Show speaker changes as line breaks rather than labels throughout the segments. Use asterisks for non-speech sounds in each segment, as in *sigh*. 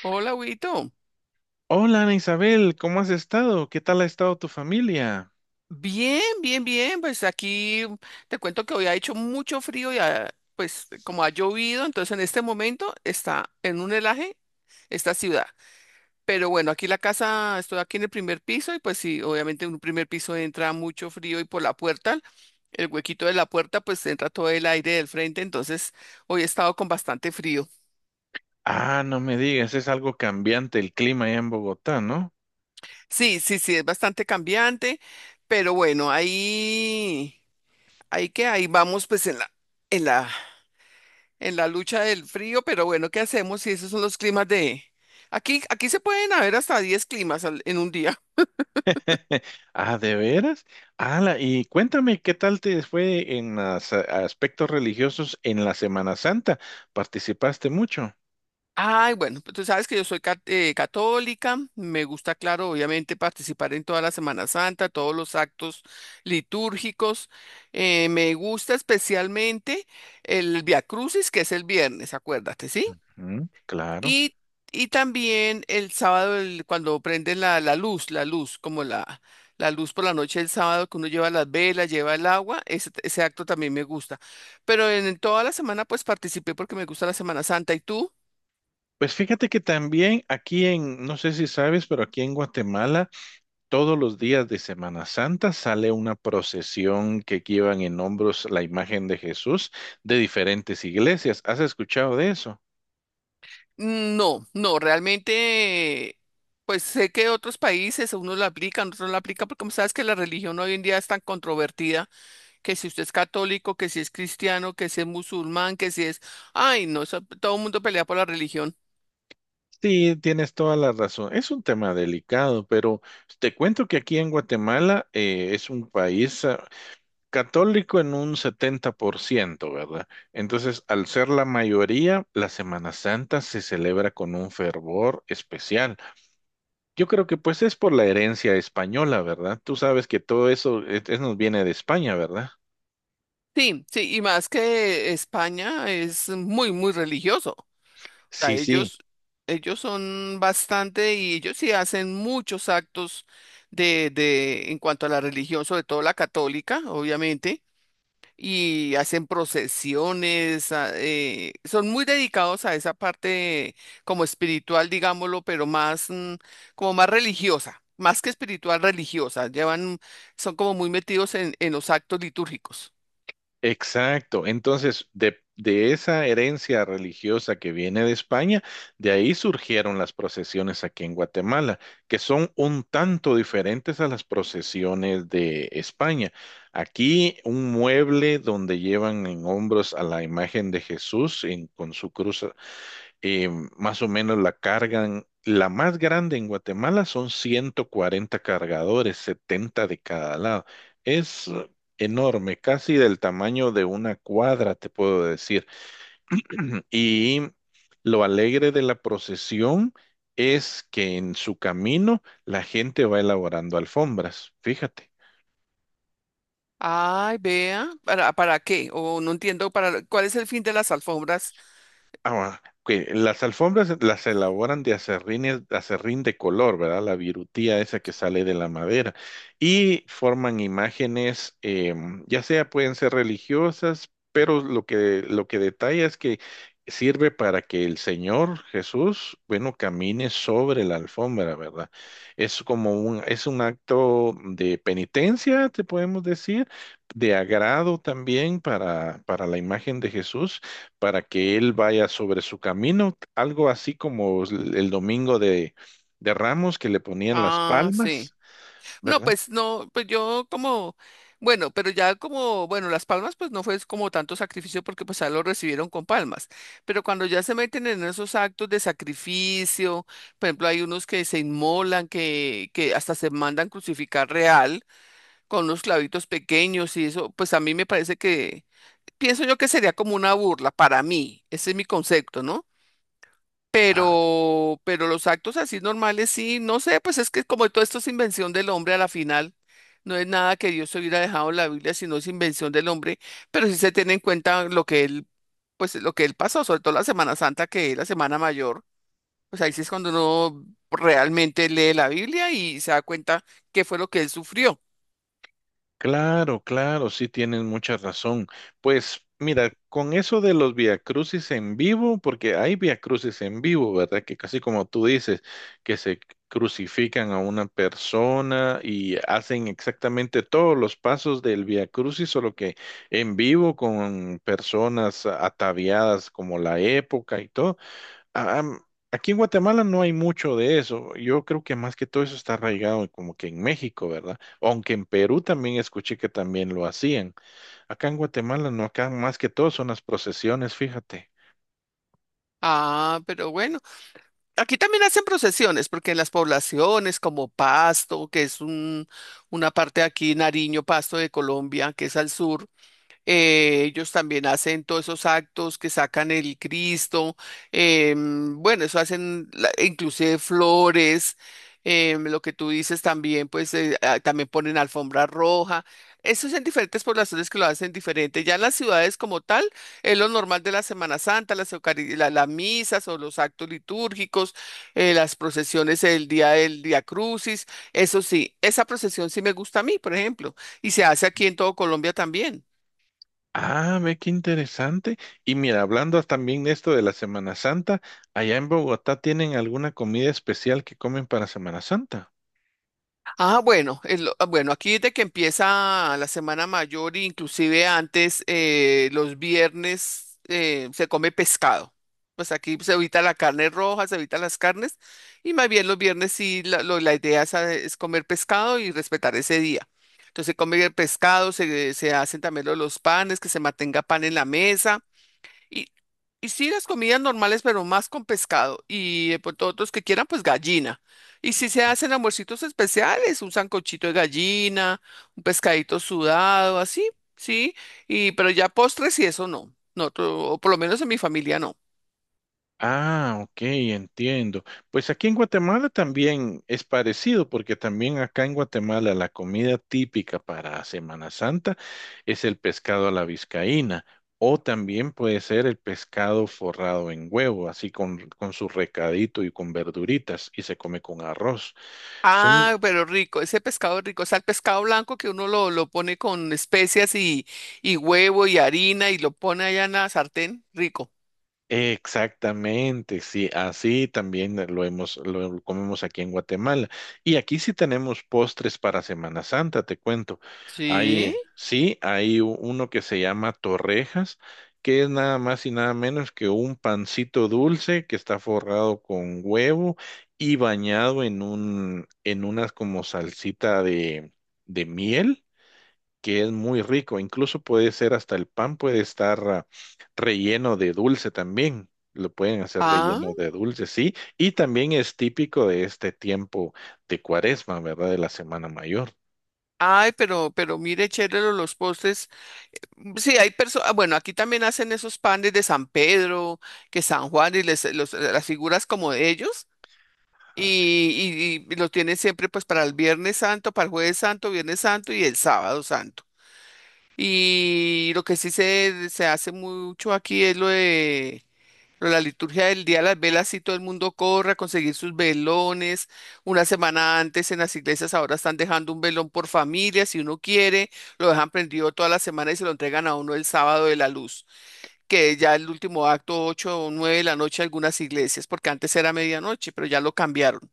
Hola, Huguito.
Hola, Ana Isabel, ¿cómo has estado? ¿Qué tal ha estado tu familia?
Bien, bien, bien. Pues aquí te cuento que hoy ha hecho mucho frío y pues como ha llovido, entonces en este momento está en un helaje esta ciudad. Pero bueno, aquí la casa, estoy aquí en el primer piso y pues sí, obviamente en un primer piso entra mucho frío y por la puerta, el huequito de la puerta, pues entra todo el aire del frente, entonces hoy he estado con bastante frío.
Ah, no me digas, es algo cambiante el clima allá en Bogotá, ¿no?
Sí, sí, sí, es bastante cambiante, pero bueno, ahí que ahí vamos pues en la, en la en la lucha del frío, pero bueno, ¿qué hacemos si esos son los climas de... Aquí se pueden haber hasta 10 climas en un día.
*laughs* Ah, ¿de veras? Ala, y cuéntame, ¿qué tal te fue en las, aspectos religiosos en la Semana Santa? ¿Participaste mucho?
*laughs* Ay, bueno, pues tú sabes que yo soy católica, me gusta, claro, obviamente participar en toda la Semana Santa, todos los actos litúrgicos. Me gusta especialmente el Via Crucis, que es el viernes, acuérdate, ¿sí?
Mm, claro.
Y, y también el sábado, cuando prenden la luz, la luz, como la luz por la noche del sábado, que uno lleva las velas, lleva el agua, ese acto también me gusta. Pero en toda la semana, pues participé porque me gusta la Semana Santa. ¿Y tú?
Pues fíjate que también aquí en, no sé si sabes, pero aquí en Guatemala todos los días de Semana Santa sale una procesión que llevan en hombros la imagen de Jesús de diferentes iglesias. ¿Has escuchado de eso?
No, no, realmente, pues sé que otros países, unos la aplican, otros no la aplican, porque como sabes que la religión hoy en día es tan controvertida, que si usted es católico, que si es cristiano, que si es musulmán, que si es... Ay, no, eso- todo el mundo pelea por la religión.
Sí, tienes toda la razón. Es un tema delicado, pero te cuento que aquí en Guatemala es un país católico en un 70%, ¿verdad? Entonces, al ser la mayoría, la Semana Santa se celebra con un fervor especial. Yo creo que pues es por la herencia española, ¿verdad? Tú sabes que todo eso nos viene de España, ¿verdad?
Sí, sí, y más que España es muy, muy religioso. O sea,
Sí, sí,
ellos, son bastante y ellos sí hacen muchos actos en cuanto a la religión, sobre todo la católica, obviamente, y hacen procesiones, son muy dedicados a esa parte como espiritual, digámoslo, pero más, como más religiosa, más que espiritual, religiosa. Llevan, son como muy metidos en, los actos litúrgicos.
exacto. Entonces, de esa herencia religiosa que viene de España, de ahí surgieron las procesiones aquí en Guatemala, que son un tanto diferentes a las procesiones de España. Aquí un mueble donde llevan en hombros a la imagen de Jesús con su cruz eh, más o menos la cargan. La más grande en Guatemala son 140 cargadores, 70 de cada lado. Es enorme, casi del tamaño de una cuadra, te puedo decir. *clears throat* Y lo alegre de la procesión es que en su camino la gente va elaborando alfombras, fíjate.
Ay, vea, ¿para qué? O no entiendo para cuál es el fin de las alfombras.
Ah, bueno, ok, las alfombras las elaboran de aserrín, aserrín de color, ¿verdad? La virutía esa que sale de la madera. Y forman imágenes, ya sea pueden ser religiosas, pero lo que detalla es que sirve para que el Señor Jesús, bueno, camine sobre la alfombra, ¿verdad? Es es un acto de penitencia, te podemos decir, de agrado también para la imagen de Jesús para que él vaya sobre su camino, algo así como el de Ramos que le ponían las
Ah, sí.
palmas,
No,
¿verdad?
pues no, pues yo como, bueno, pero ya como, bueno, las palmas pues no fue como tanto sacrificio porque pues ya lo recibieron con palmas. Pero cuando ya se meten en esos actos de sacrificio, por ejemplo, hay unos que se inmolan, que, hasta se mandan crucificar real con unos clavitos pequeños y eso, pues a mí me parece que, pienso yo que sería como una burla para mí. Ese es mi concepto, ¿no? pero los actos así normales sí, no sé, pues es que como todo esto es invención del hombre a la final, no es nada que Dios hubiera dejado en la Biblia, sino es invención del hombre, pero sí se tiene en cuenta lo que él, pues lo que él pasó, sobre todo la Semana Santa, que es la Semana Mayor, pues ahí sí es cuando uno realmente lee la Biblia y se da cuenta qué fue lo que él sufrió.
Claro, claro, sí tienes mucha razón. Pues mira, con eso de los viacrucis en vivo, porque hay viacrucis en vivo, ¿verdad? Que casi como tú dices, que se crucifican a una persona y hacen exactamente todos los pasos del viacrucis, solo que en vivo con personas ataviadas como la época y todo a- am- aquí en Guatemala no hay mucho de eso. Yo creo que más que todo eso está arraigado como que en México, ¿verdad? Aunque en Perú también escuché que también lo hacían. Acá en Guatemala no, acá más que todo son las procesiones, fíjate.
Ah, pero bueno. Aquí también hacen procesiones, porque en las poblaciones como Pasto, que es un, una parte de aquí, Nariño, Pasto de Colombia, que es al sur, ellos también hacen todos esos actos que sacan el Cristo, bueno, eso hacen inclusive flores, lo que tú dices también, pues también ponen alfombra roja. Eso es en diferentes poblaciones que lo hacen diferente. Ya en las ciudades como tal, es lo normal de la Semana Santa, las misas o los actos litúrgicos, las procesiones el día del Día Crucis. Eso sí, esa procesión sí me gusta a mí, por ejemplo, y se hace aquí en todo Colombia también.
Ah, ve qué interesante. Y mira, hablando también de esto de la Semana Santa, allá en Bogotá tienen alguna comida especial que comen para Semana Santa.
Ah, bueno, aquí desde que empieza la Semana Mayor, inclusive antes, los viernes se come pescado. Pues aquí se evita la carne roja, se evita las carnes, y más bien los viernes sí, la idea es, a- es comer pescado y respetar ese día. Entonces se come el pescado, se hacen también los panes, que se mantenga pan en la mesa. Y, y sí, las comidas normales, pero más con pescado. Y pues todos los que quieran, pues gallina. Y si se hacen almuercitos especiales, un sancochito de gallina, un pescadito sudado, así, sí. Y pero ya postres y eso no. No, o por lo menos en mi familia no.
Ah, ok, entiendo. Pues aquí en Guatemala también es parecido, porque también acá en Guatemala la comida típica para Semana Santa es el pescado a la vizcaína, o también puede ser el pescado forrado en huevo, así con su recadito y con verduritas, y se come con arroz.
Ah, pero rico, ese pescado rico, o sea, el pescado blanco que uno lo, pone con especias y huevo y harina y lo pone allá en la sartén, rico.
Exactamente, sí, así también lo comemos aquí en Guatemala. Y aquí sí tenemos postres para Semana Santa, te cuento. Hay,
Sí.
sí, hay uno que se llama torrejas, que es nada más y nada menos que un pancito dulce que está forrado con huevo y bañado en un, en unas como salsita de miel que es muy rico. Incluso puede ser hasta el pan puede estar relleno de dulce también. Lo pueden hacer
Ah,
relleno de dulce, sí. Y también es típico de este tiempo de Cuaresma, ¿verdad? De la Semana Mayor.
ay, pero mire, chévere los postres. Mm, sí, hay personas, bueno, aquí también hacen esos panes de San Pedro, que San Juan y las figuras como de ellos
Ajá.
y, y lo tienen siempre pues para el Viernes Santo, para el Jueves Santo, Viernes Santo y el Sábado Santo. Y lo que sí se hace mucho aquí es lo de pero la liturgia del día de las velas, sí, todo el mundo corre a conseguir sus velones. Una semana antes en las iglesias ahora están dejando un velón por familia, si uno quiere, lo dejan prendido toda la semana y se lo entregan a uno el sábado de la luz, que ya el último acto, 8 o 9 de la noche, algunas iglesias, porque antes era medianoche, pero ya lo cambiaron.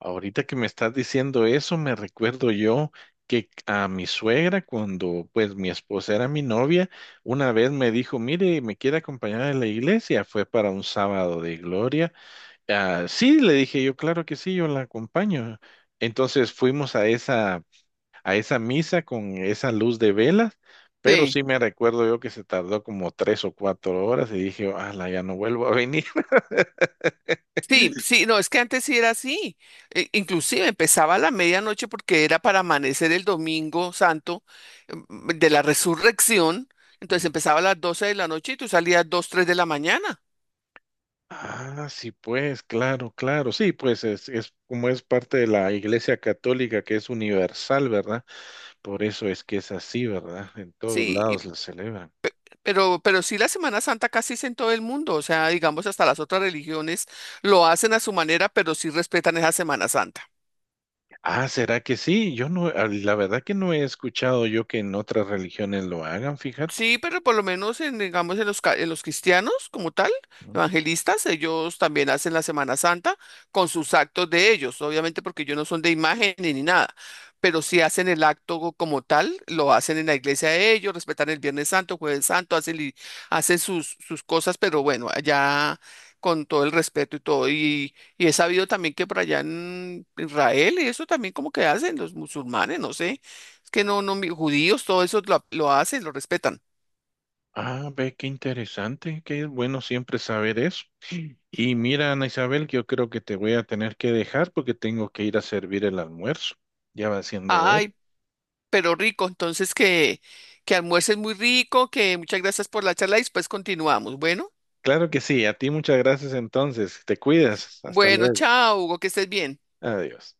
Ahorita que me estás diciendo eso, me recuerdo yo que a mi suegra, cuando pues mi esposa era mi novia, una vez me dijo, mire, me quiere acompañar a la iglesia. Fue para un sábado de gloria. Ah, sí, le dije yo, claro que sí, yo la acompaño. Entonces fuimos a a esa misa con esa luz de velas, pero
Sí.
sí me recuerdo yo que se tardó como 3 o 4 horas y dije, la ya no vuelvo a venir.
Sí, sí, no, es que antes sí era así. Inclusive empezaba a la medianoche porque era para amanecer el domingo santo de
*laughs*
la resurrección. Entonces
Sí.
empezaba a las 12 de la noche y tú salías 2, 3 de la mañana.
Ah, sí, pues, claro, claro, sí, pues es como es parte de la Iglesia Católica que es universal, ¿verdad? Por eso es que es así, ¿verdad? En todos
Sí,
lados la celebran.
pero, sí la Semana Santa casi es en todo el mundo. O sea, digamos, hasta las otras religiones lo hacen a su manera, pero sí respetan esa Semana Santa.
Ah, ¿será que sí? Yo no, ah, la verdad que no he escuchado yo que en otras religiones lo hagan, fíjate.
Sí, pero por lo menos en, digamos, en los cristianos como tal,
¿No?
evangelistas, ellos también hacen la Semana Santa con sus actos de ellos, obviamente porque ellos no son de imagen ni nada, pero si hacen el acto como tal, lo hacen en la iglesia de ellos, respetan el Viernes Santo, Jueves Santo, hacen, hacen sus cosas, pero bueno, allá con todo el respeto y todo. Y he sabido también que por allá en Israel, y eso también como que hacen los musulmanes, no sé, es que no, no, judíos, todo eso lo hacen, lo respetan.
Ah, ve, qué interesante, que es bueno siempre saber eso. Y mira, Ana Isabel, que yo creo que te voy a tener que dejar porque tengo que ir a servir el almuerzo. Ya va siendo hora.
Ay, pero rico, entonces que, almuerces muy rico, que muchas gracias por la charla y después continuamos. Bueno,
Claro que sí, a ti muchas gracias entonces. Te cuidas. Hasta
bueno,
luego.
chao, Hugo, que estés bien.
Adiós.